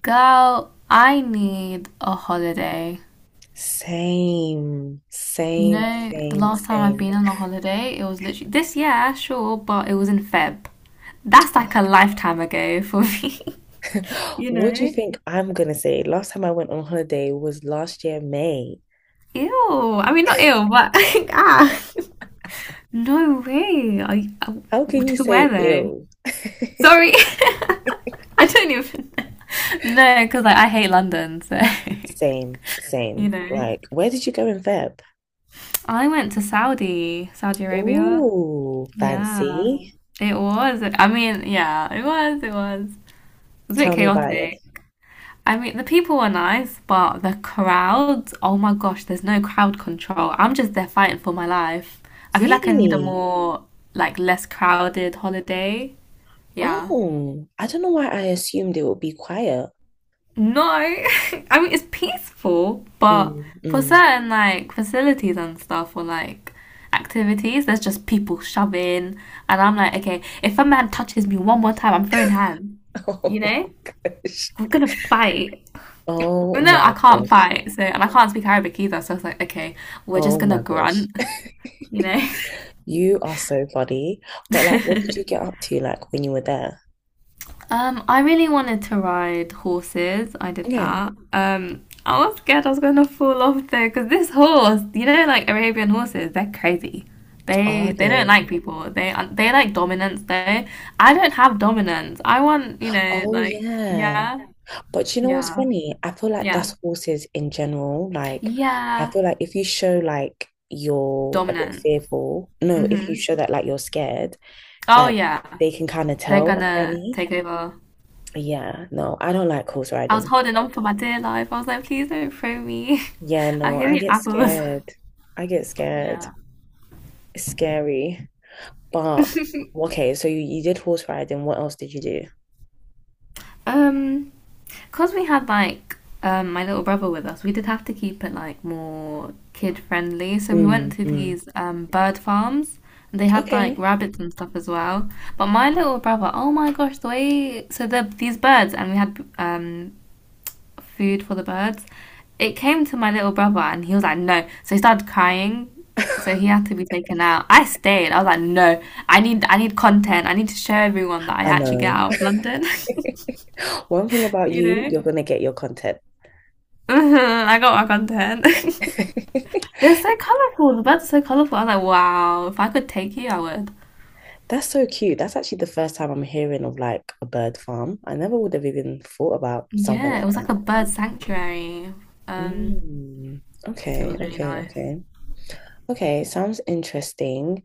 Girl, I need a holiday. Same, You same, know, the same, last time I've same. been on a holiday, it was literally this year, sure, but it was in Feb. That's like a lifetime ago for me. You What do you know? think I'm gonna say? Last time I went on holiday was last year, May. Ew. I mean, not ew, but ah. No way. I, How I can you to where say though? ill? Sorry, I don't even know. No, because like I hate London, so Same, you same. know. Like, where did you go in Feb? I went to Saudi Arabia. Ooh, Yeah, fancy. it was. I mean, yeah, it was. It was a bit Tell me about it. chaotic. I mean, the people were nice, but the crowds, oh my gosh, there's no crowd control. I'm just there fighting for my life. I feel like I need a Really? more, like, less crowded holiday. Yeah. Oh, I don't know why I assumed it would be quiet. No, I mean it's peaceful, but Mm, for mm. certain like facilities and stuff or like activities, there's just people shoving, and I'm like, okay, if a man touches me one more time, I'm throwing hands. You know, Oh, gosh. I'm gonna fight. Oh Even though I my can't gosh. fight, so and I can't speak Arabic either, so I was like, okay, we're just Oh gonna my gosh. grunt. You know. You are so funny. But like, what did you get up to like when you were there? I really wanted to ride horses. I did Okay. that. I was scared I was gonna fall off though, because this horse, you know, like Arabian horses, they're crazy. Are They don't like they? people. They like dominance though. I don't have dominance. I want, you know, Oh like yeah. yeah, But you know what's yeah, funny? I feel like yeah, that's horses in general. Like, I yeah, feel like if you show like you're a bit dominant. fearful, no, if you Mhm. show that like you're scared, Oh like yeah, they can kind of they're tell gonna apparently. take over. Yeah, no, I don't like horse I was riding. holding on for my dear life. I was like, please don't throw me. Yeah, I'll no, give I you get apples. scared. I get scared. It's scary. But Yeah. okay, so you did horse riding. What else did you do? Um, because we had like my little brother with us, we did have to keep it like more kid friendly. So we went Mm, to mm. these bird farms and they had like Okay. rabbits and stuff as well. But my little brother, oh my gosh, the way so these birds and we had food for the birds. It came to my little brother and he was like, no. So he started crying. So he had to be taken out. I stayed. I was like, no, I need content. I need to show everyone that I I actually get know. out of London, One thing about you you, know? you're gonna get your content. Mhm, I got my content. They're so colourful. The birds are so colourful. I was like, wow, if I could take you, I would. That's so cute. That's actually the first time I'm hearing of like a bird farm. I never would have even thought about something Yeah, it like was that. like a bird sanctuary. Um, Mm. it was Okay, really okay, nice. okay. Okay, sounds interesting.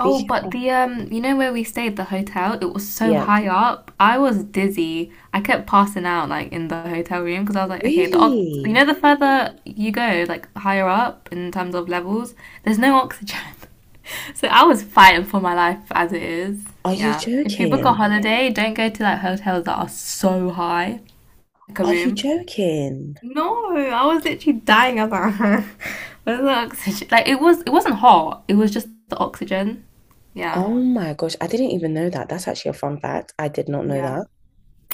Oh, but of, the you know where we stayed, the hotel, it was so yeah. high up. I was dizzy. I kept passing out like in the hotel room because I was like, okay, the ox you know Really? the further you go, like higher up in terms of levels, there's no oxygen. So I was fighting for my life as it is. Are you Yeah. If you book a joking? holiday, don't go to like hotels that are so high, like a Are you room. joking? No, I was literally dying. I was like, where's the oxygen? Like it was, it wasn't hot. It was just the oxygen. Yeah. Oh my gosh, I didn't even know that. That's actually a fun fact. I did not know Yeah. that.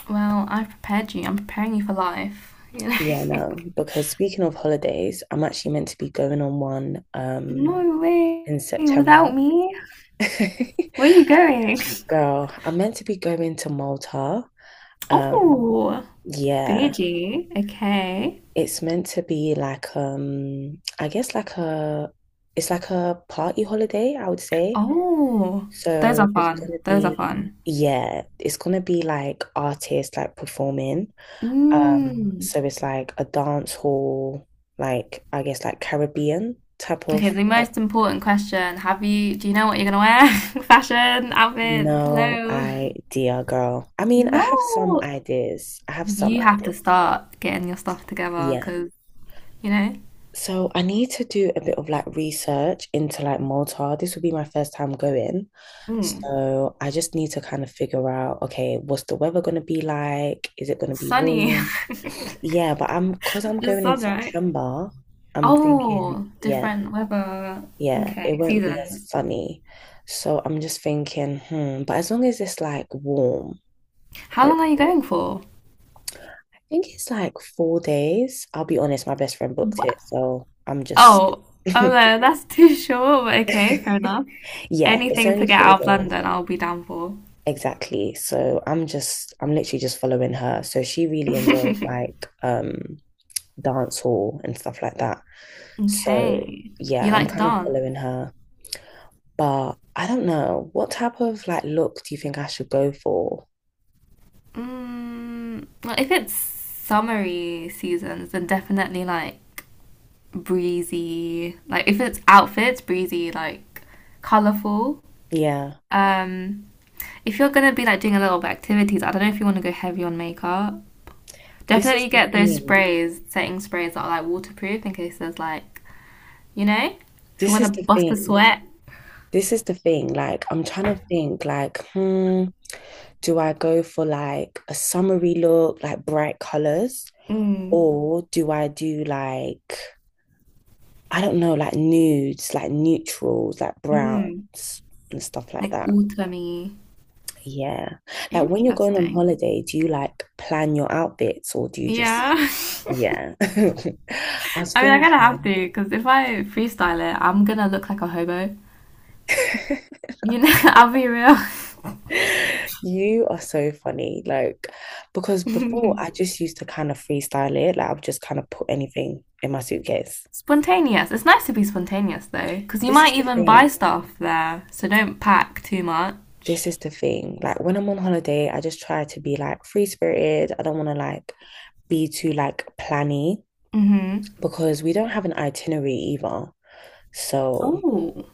Well, I prepared you. I'm preparing you for life. You Yeah, know? no, because speaking of holidays, I'm actually meant to be going on one No way. in September. Without me, where are you going? Girl, I'm meant to be going to Malta. Um, Oh, yeah, Beijing. Okay. it's meant to be like I guess like a it's like a party holiday, I would say. Oh, those So are there's fun. gonna Those are be fun. yeah, it's gonna be like artists like performing. Mm. So it's like a dance hall, like I guess like Caribbean type Okay, of the like most important question. Have you, do you know what you're gonna wear? Fashion, outfit, no hello. idea, girl. I mean, I No, have some ideas. I have some you have to ideas. start getting your stuff together Yeah. because, you know, So I need to do a bit of like research into like Malta. This will be my first time going. mm, So I just need to kind of figure out, okay, what's the weather going to be like? Is it going to be sunny. warm? Yeah, but I'm because I'm The going in sun, right? September, I'm thinking, Oh, yeah. different weather. Yeah, it Okay, won't be as seasons. sunny. So I'm just thinking, hmm, but as long as it's like warm, How long are you hopefully. going for? I think it's like 4 days. I'll be honest, my best friend booked Wha it, so I'm just Oh, oh no, that's too short, but okay, fair enough. yeah, it's Anything to only get four out of days. London, I'll be down for. Exactly. So I'm just I'm literally just following her. So she really enjoys like dance hall and stuff like that. So Okay. You yeah, I'm like to, yeah, kind of dance? following her. But I don't know, what type of like look do you think I should go for? Mm, well, if it's summery seasons, then definitely like breezy. Like if it's outfits, breezy, like colorful. Yeah, Um, if you're gonna be like doing a little bit of activities, I don't know if you want to go heavy on makeup. this is Definitely the get those thing. sprays, setting sprays that are like waterproof in case there's like, you know, if you This want to is the bust a thing. sweat. This is the thing. Like, I'm trying to think, like, hmm, do I go for like a summery look, like bright colors, Mm, or do I do like, I don't know, like nudes, like neutrals, like browns mm, and stuff like like that? autumny. Yeah. Like, when you're going on Interesting. holiday, do you like plan your outfits or do you just, Yeah. yeah. I was I mean, I'm gonna have thinking. to because if I freestyle it, I'm gonna look like a hobo. You know, I'll be real. You are so funny. Like, because before I just used to kind of freestyle it. Like, I would just kind of put anything in my suitcase. Spontaneous. It's nice to be spontaneous though, because you This is might the even buy thing. stuff there. So don't pack too much. This is the thing. Like, when I'm on holiday, I just try to be like free spirited. I don't want to like be too like planny Mhm. because we don't have an itinerary either. So, Oh,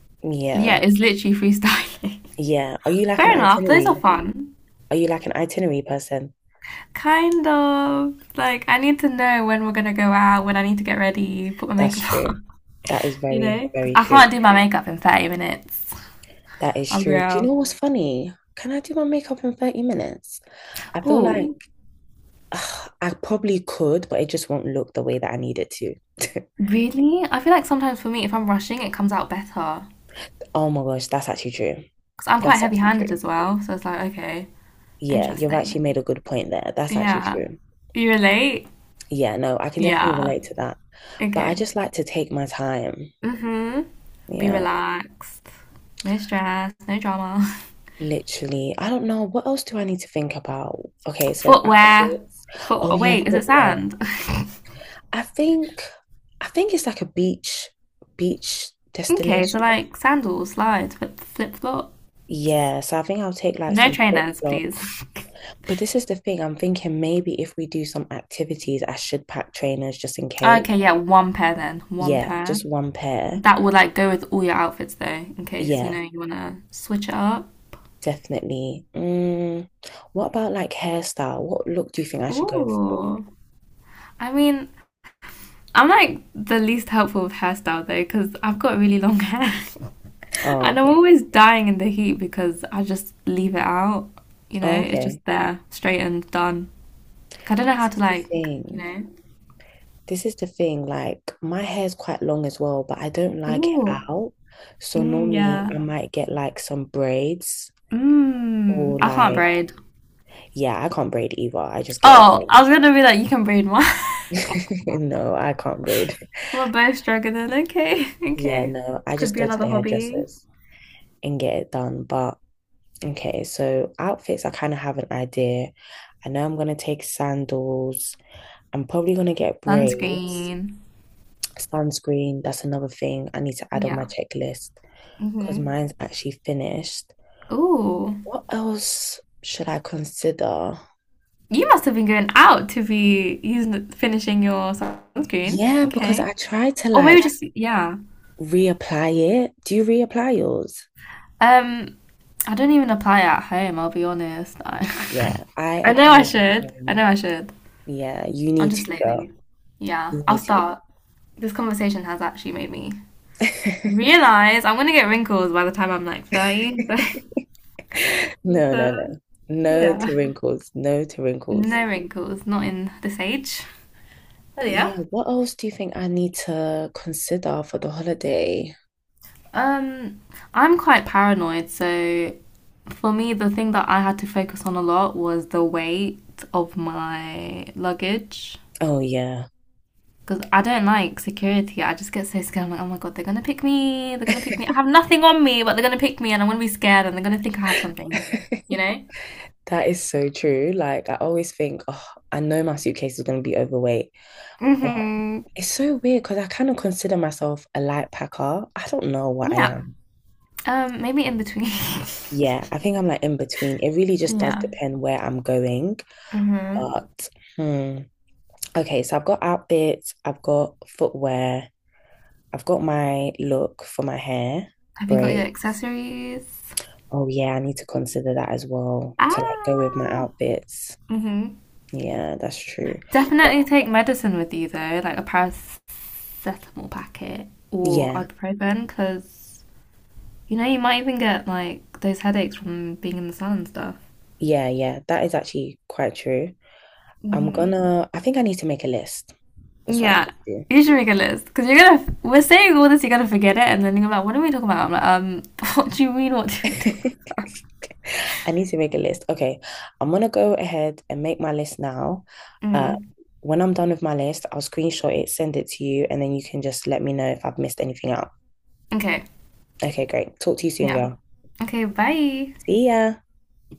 yeah, yeah. it's literally freestyling. Yeah. Are you like an Fair enough. Those are itinerary? fun. Are you like an itinerary person? Kind of like I need to know when we're gonna go out, when I need to get ready, put my That's makeup true. on. That is You very, know, 'cause very I true. can't do my makeup in 30 minutes. That is I'm true. Do you real. know what's funny? Can I do my makeup in 30 minutes? I feel like Oh, ugh, I probably could, but it just won't look the way that I need it to. really? I feel like sometimes for me, if I'm rushing, it comes out better. Oh my gosh, that's actually true. Because I'm quite That's actually heavy-handed true. as well. So it's like, okay, Yeah, you've actually interesting. made a good point there. That's actually Yeah. true. You relate? Yeah, no, I can definitely Yeah. relate to that. But I Okay. just like to take my time. Mm-hmm. Be Yeah, relaxed. No stress, no drama. literally. I don't know. What else do I need to think about? Okay, so Footwear. outfits. Oh, Footwear. yeah, Wait, is it footwear. sand? I think I think it's like a beach beach Okay, so destination. like sandals, slides, flip-flops. Yeah, so I think I'll take like No some trainers, please. flip-flops. But this is the thing, I'm thinking maybe if we do some activities, I should pack trainers just in case. Okay, yeah, one pair then. One Yeah, pair. just one pair. That would like go with all your outfits though, in case you Yeah, know you want to switch it up. definitely. Mm, what about like hairstyle? What look do you think I should go for? Ooh. I mean, I'm like the least helpful with hairstyle though, because I've got really long hair. Oh, And I'm okay. always dying in the heat because I just leave it out, you know? Oh, It's okay. just there, straightened, done. Like, I don't know how This to is the like, you thing. know? This is the thing, like my hair's quite long as well, but I don't like it Ooh. out. So Mm, normally yeah. I might get like some braids Mmm, or I can't like, braid. yeah, I can't braid either. I just get it Oh, I done. was gonna be like, you can braid one. No, I can't braid. We're both struggling. Okay, Yeah, okay. no, I Could just be go to the another hobby. hairdressers and get it done. But okay, so outfits, I kind of have an idea. I know I'm gonna take sandals. I'm probably gonna get braids, Sunscreen. sunscreen. That's another thing I need to add on my Yeah. checklist because Hmm. mine's actually finished. Ooh, What else should I consider? you must have been going out to be using finishing your sunscreen. Yeah, because Okay, I try to or like maybe just yeah. reapply it. Do you reapply yours? Um, I don't even apply at home. I'll be honest. Yeah, I, I I know apply I it at should. I home. know I should. Yeah, you I'm need to, just girl. lazy. Yeah, You I'll need start. This conversation has actually made me to. realize I'm gonna get wrinkles by the time I'm like 30. No, no, So, no. No yeah, to wrinkles. No to wrinkles. no wrinkles, not in this age. Oh But yeah, yeah. what else do you think I need to consider for the holiday? Um, I'm quite paranoid, so for me, the thing that I had to focus on a lot was the weight of my luggage. Oh, yeah. Because I don't like security. I just get so scared. I'm like, oh my god, they're gonna pick me. They're gonna pick me. I have nothing on me, but they're gonna pick me, and I'm gonna be scared, and they're gonna think I have something. You know? That is so true. Like, I always think, oh, I know my suitcase is going to be overweight. But Hmm. it's so weird because I kind of consider myself a light packer. I don't know what I Yeah. am. Maybe in between. Yeah, I think I'm like in between. It really just does Yeah. depend where I'm going. Hmm. But hmm. Okay, so I've got outfits, I've got footwear, I've got my look for my hair, Have you got your braids. accessories? Oh yeah, I need to consider that as well to like go with my Ah. outfits. Hmm. Yeah, that's true. Definitely Well, take medicine with you though, like a paracetamol packet or yeah, ibuprofen, because you know you might even get like those headaches from being in the sun and stuff. yeah, yeah. That is actually quite true. Mm-hmm. I think I need to make a list. That's what I Yeah, need you should make a list because you're gonna. We're saying all this, you're gonna forget it, and then you're gonna be like, "What are we talking about?" I'm like, what do you mean? What do we to talk?" do. I need to make a list. Okay. I'm gonna go ahead and make my list now. Uh, Mm. when I'm done with my list, I'll screenshot it, send it to you, and then you can just let me know if I've missed anything out. Okay, Okay, great. Talk to you soon, yeah, girl. okay, bye. See ya.